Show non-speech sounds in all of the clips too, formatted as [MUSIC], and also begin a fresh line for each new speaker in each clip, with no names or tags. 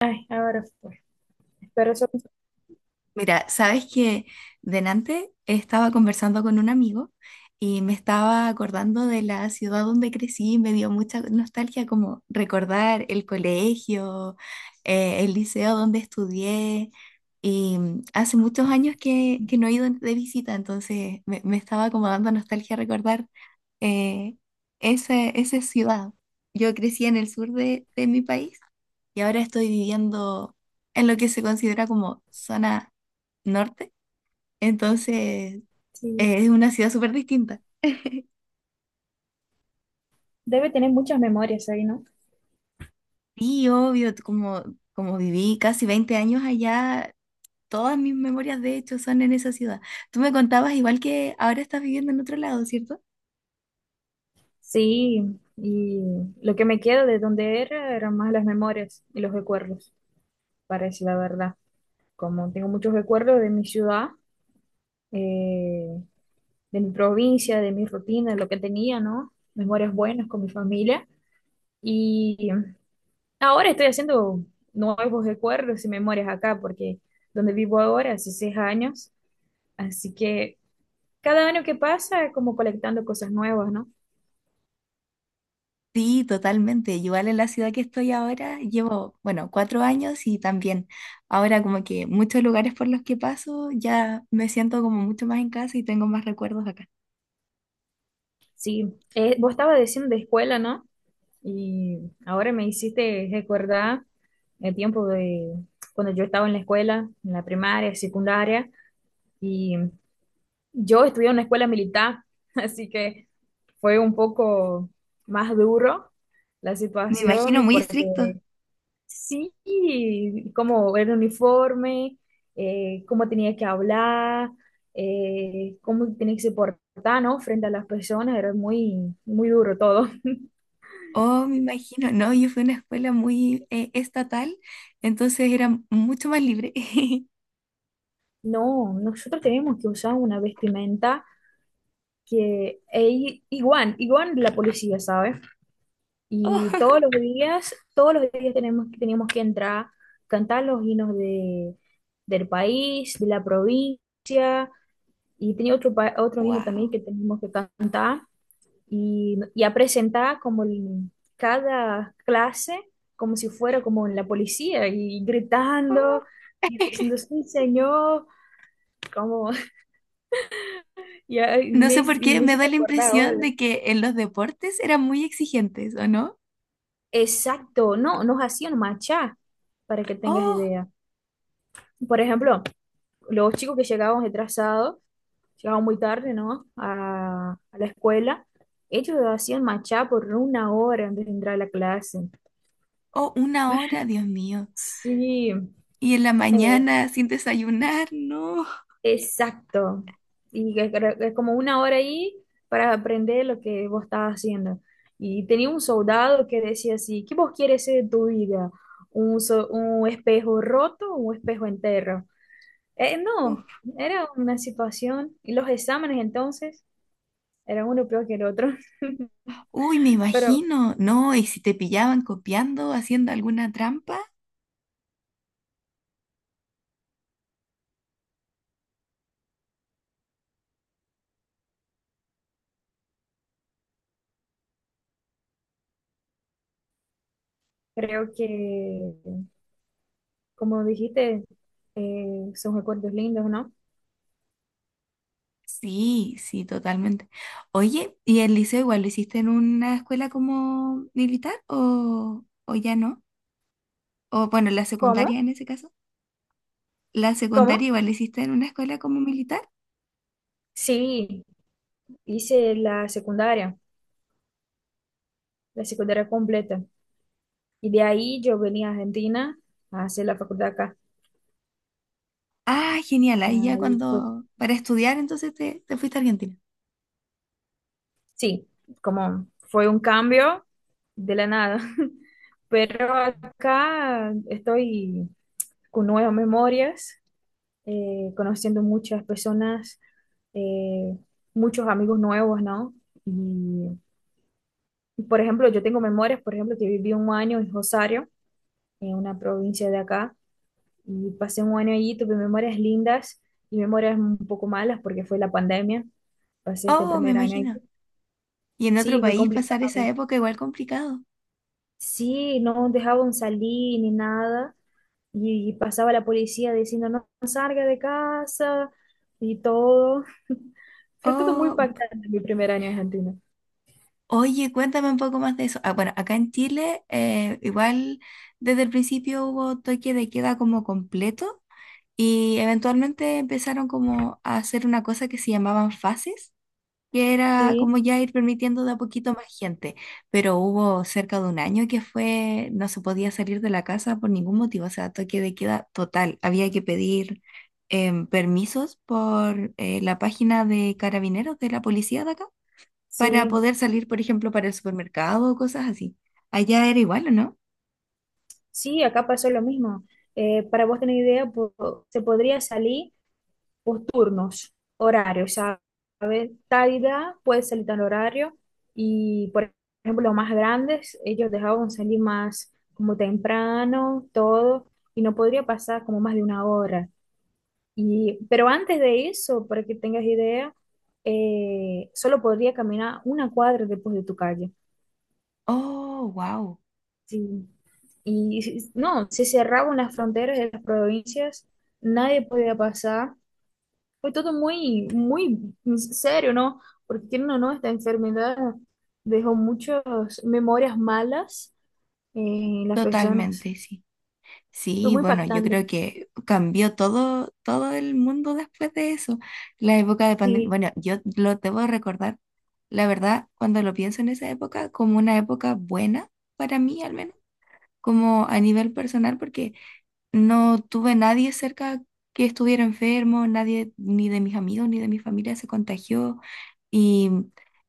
Ay, ahora fue. Pero eso
Mira, sabes que delante estaba conversando con un amigo y me estaba acordando de la ciudad donde crecí y me dio mucha nostalgia como recordar el colegio, el liceo donde estudié y hace muchos años que no he ido de visita, entonces me estaba como dando nostalgia recordar eh, esa ciudad. Yo crecí en el sur de mi país y ahora estoy viviendo en lo que se considera como zona norte. Entonces,
sí,
es una ciudad súper distinta. [LAUGHS]
debe tener muchas memorias ahí, ¿no?
Sí, obvio, como, como viví casi 20 años allá, todas mis memorias de hecho son en esa ciudad. Tú me contabas igual que ahora estás viviendo en otro lado, ¿cierto?
Sí, y lo que me queda de donde era eran más las memorias y los recuerdos, para decir la verdad. Como tengo muchos recuerdos de mi ciudad, eh, de mi provincia, de mi rutina, de lo que tenía, ¿no? Memorias buenas con mi familia. Y ahora estoy haciendo nuevos recuerdos y memorias acá, porque donde vivo ahora hace seis años, así que cada año que pasa, como colectando cosas nuevas, ¿no?
Sí, totalmente. Igual en la ciudad que estoy ahora, llevo, bueno, 4 años y también ahora como que muchos lugares por los que paso ya me siento como mucho más en casa y tengo más recuerdos acá.
Sí, vos estabas diciendo de escuela, ¿no? Y ahora me hiciste recordar el tiempo de cuando yo estaba en la escuela, en la primaria, secundaria, y yo estudié en una escuela militar, [LAUGHS] así que fue un poco más duro la
Me imagino
situación
muy
porque
estricto.
sí, cómo era el uniforme, cómo tenía que hablar, cómo tenía que se portar, ¿no? Frente a las personas, era muy, muy duro todo. [LAUGHS]
Oh, me imagino. No, yo fui a una escuela muy estatal, entonces era mucho más libre. [LAUGHS]
No, nosotros tenemos que usar una vestimenta que es igual, igual de la policía, ¿sabes? Y
Oh,
todos los días tenemos, teníamos que entrar, cantar los himnos de, del país, de la provincia, y tenía otro, otro himno también
wow.
que teníamos que cantar. Y, y a presentar como cada clase como si fuera como en la policía y gritando y diciendo, sí, señor, como [LAUGHS] ya
No
me,
sé por
y
qué
me
me da
hiciste
la
acordar
impresión
ahora.
de que en los deportes eran muy exigentes, ¿o no?
Exacto, no, nos hacían marchar, para que tengas
Oh,
idea. Por ejemplo, los chicos que llegaban retrasados, llegaban muy tarde, ¿no? A la escuela, ellos hacían marchar por una hora antes de entrar a la clase.
oh, una hora, Dios mío.
Sí,
Y en la mañana sin desayunar, no.
exacto. Y que creo que es como una hora ahí para aprender lo que vos estabas haciendo. Y tenía un soldado que decía así, ¿qué vos quieres ser de tu vida? ¿Un, un espejo roto o un espejo entero? No,
Uf.
era una situación. Y los exámenes entonces eran uno peor que el otro. [LAUGHS]
Uy, me
Pero
imagino. No, y si te pillaban copiando, haciendo alguna trampa.
creo que, como dijiste, son recuerdos lindos, ¿no?
Sí, sí, totalmente. Oye, ¿y el liceo igual lo hiciste en una escuela como militar o ya no? O bueno, la
¿Cómo?
secundaria en ese caso. ¿La secundaria
¿Cómo?
igual la hiciste en una escuela como militar?
Sí, hice la secundaria, la secundaria completa. Y de ahí yo venía a Argentina a hacer la facultad acá.
Ah, genial. Ahí ya
Ahí fue,
cuando, para estudiar entonces te fuiste a Argentina.
sí, como fue un cambio de la nada. [LAUGHS] Pero acá estoy con nuevas memorias, conociendo muchas personas, eh, muchos amigos nuevos, ¿no? Y, por ejemplo, yo tengo memorias, por ejemplo, que viví un año en Rosario, en una provincia de acá y pasé un año allí, tuve memorias lindas y memorias un poco malas porque fue la pandemia, pasé este
Oh, me
primer año allí.
imagino. Y en otro
Sí, fue
país pasar esa
complicado.
época igual complicado.
Sí, no dejaban salir ni nada y pasaba la policía diciendo no, no salga de casa y todo. [LAUGHS] Fue todo muy
Oh,
impactante mi primer año en Argentina.
oye, cuéntame un poco más de eso. Ah, bueno, acá en Chile igual desde el principio hubo toque de queda como completo. Y eventualmente empezaron como a hacer una cosa que se llamaban fases, que era
Sí,
como ya ir permitiendo de a poquito más gente. Pero hubo cerca de un año que fue, no se podía salir de la casa por ningún motivo, o sea, toque de queda total. Había que pedir permisos por la página de carabineros de la policía de acá para
sí,
poder salir, por ejemplo, para el supermercado o cosas así. Allá era igual, ¿o no?
sí, acá pasó lo mismo. Para vos tener idea, se podría salir, por turnos, horarios, ¿sabes? Tal edad puede salir tal horario y, por ejemplo, los más grandes, ellos dejaban salir más como temprano, todo, y no podría pasar como más de una hora. Y, pero antes de eso, para que tengas idea, solo podría caminar una cuadra después de tu calle.
Oh, wow,
Sí. No, se cerraban las fronteras de las provincias, nadie podía pasar. Fue todo muy, muy serio, ¿no? Porque quieren o no, esta enfermedad dejó muchas memorias malas en las personas.
totalmente, sí.
Fue
Sí,
muy
bueno, yo
impactante.
creo que cambió todo, todo el mundo después de eso. La época de pandemia,
Sí,
bueno, yo lo debo recordar, la verdad, cuando lo pienso en esa época, como una época buena para mí al menos, como a nivel personal, porque no tuve nadie cerca que estuviera enfermo, nadie ni de mis amigos ni de mi familia se contagió. Y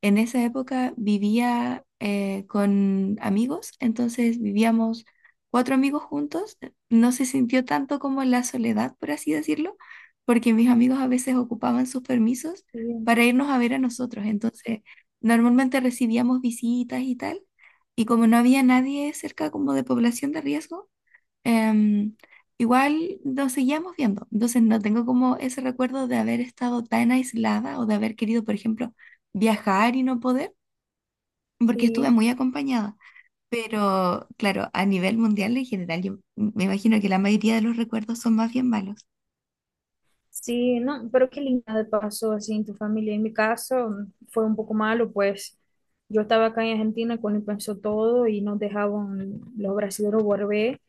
en esa época vivía con amigos, entonces vivíamos 4 amigos juntos. No se sintió tanto como la soledad, por así decirlo, porque mis amigos a veces ocupaban sus permisos
sí,
para irnos a ver a nosotros. Entonces, normalmente recibíamos visitas y tal. Y como no había nadie cerca como de población de riesgo, Em, igual nos seguíamos viendo, entonces no tengo como ese recuerdo de haber estado tan aislada o de haber querido, por ejemplo, viajar y no poder, porque estuve
sí,
muy acompañada. Pero claro, a nivel mundial en general, yo me imagino que la mayoría de los recuerdos son más bien malos.
sí, no, pero qué linda pasó así en tu familia. En mi caso fue un poco malo, pues yo estaba acá en Argentina cuando empezó todo y nos dejaban los brasileños volver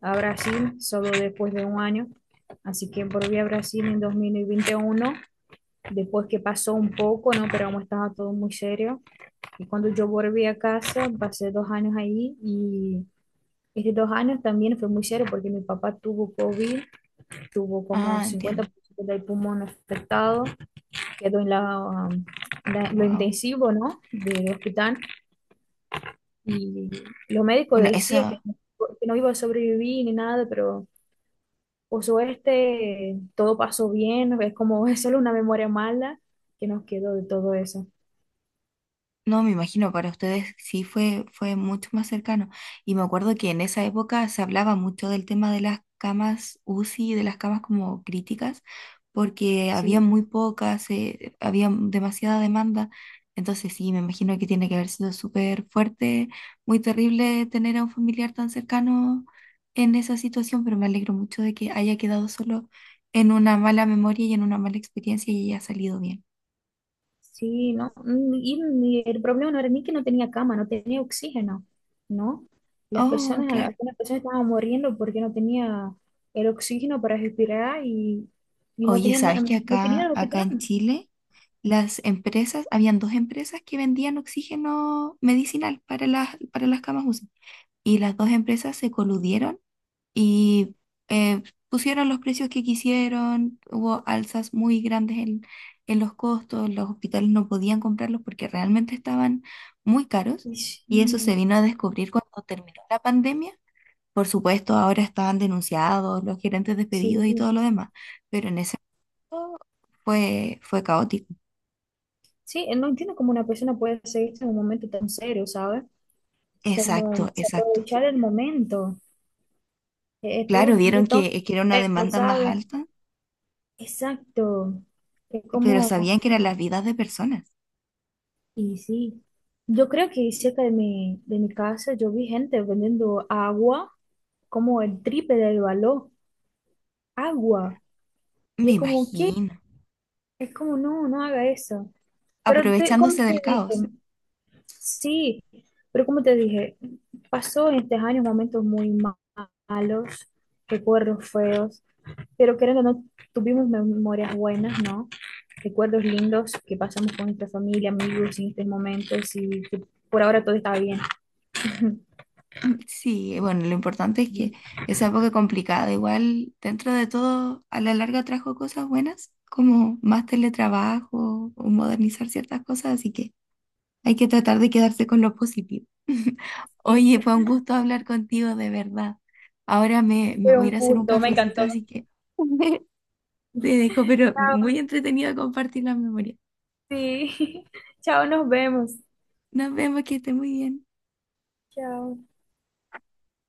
a Brasil solo después de un año. Así que volví a Brasil en 2021, después que pasó un poco, ¿no? Pero como estaba todo muy serio. Y cuando yo volví a casa, pasé dos años ahí y estos dos años también fue muy serio porque mi papá tuvo COVID, tuvo como
Ah,
cincuenta
entiendo.
por ciento del pulmón afectado, quedó en la, um, lo
Wow.
intensivo, ¿no? Del hospital, y los médicos
Bueno,
decían
eso.
que no iba a sobrevivir ni nada, pero por suerte todo pasó bien, es como [LAUGHS] es solo una memoria mala que nos quedó de todo eso.
No, me imagino, para ustedes sí fue, fue mucho más cercano. Y me acuerdo que en esa época se hablaba mucho del tema de las camas UCI, de las camas como críticas, porque había
Sí,
muy pocas, había demasiada demanda. Entonces sí, me imagino que tiene que haber sido súper fuerte, muy terrible tener a un familiar tan cercano en esa situación, pero me alegro mucho de que haya quedado solo en una mala memoria y en una mala experiencia y haya salido bien.
sí, no, el problema no era ni que no tenía cama, no tenía oxígeno, ¿no? Las
Oh,
personas,
claro.
algunas personas estaban muriendo porque no tenía el oxígeno para respirar y no
Oye,
tenían
¿sabes que
no tenían el
acá
hospital.
en Chile las empresas, habían dos empresas que vendían oxígeno medicinal para las camas UCI y las dos empresas se coludieron y eh, pusieron los precios que quisieron, hubo alzas muy grandes en los costos, los hospitales no podían comprarlos porque realmente estaban muy caros
Y sí,
y eso se vino a descubrir cuando terminó la pandemia. Por supuesto, ahora estaban denunciados los gerentes
sí,
despedidos y todo lo demás, pero en ese fue, fue caótico.
sí, no entiendo cómo una persona puede hacer esto en un momento tan serio, ¿sabes? Como
Exacto, exacto.
aprovechar el momento, todo,
Claro,
todo
vieron
tan
que era una
feo,
demanda más
¿sabes?
alta,
Exacto, es
pero
como
sabían que eran las vidas de personas.
y sí, yo creo que cerca de mi casa yo vi gente vendiendo agua como el triple del valor. Agua. Y
Me
es como, ¿qué?
imagino.
Es como, no, no haga eso. Pero te, como
Aprovechándose
te
del
dije,
caos.
sí, pero como te dije, pasó en estos años momentos malos, recuerdos feos, pero creo que no tuvimos memorias buenas, ¿no? Recuerdos lindos que pasamos con nuestra familia, amigos en estos momentos y que por ahora todo está bien. [LAUGHS]
Mm, sí, bueno, lo importante es que esa época complicada, igual dentro de todo, a la larga trajo cosas buenas, como más teletrabajo o modernizar ciertas cosas, así que hay que tratar de quedarse con lo positivo. [LAUGHS]
Sí,
Oye, fue un gusto hablar contigo, de verdad. Ahora me
fue
voy a
un
ir a hacer un
gusto, me
cafecito,
encantó.
así que [LAUGHS] te dejo, pero
Chao,
muy entretenido compartir la memoria.
sí. [LAUGHS] Chao, nos vemos.
Nos vemos, que esté muy bien.
Chao.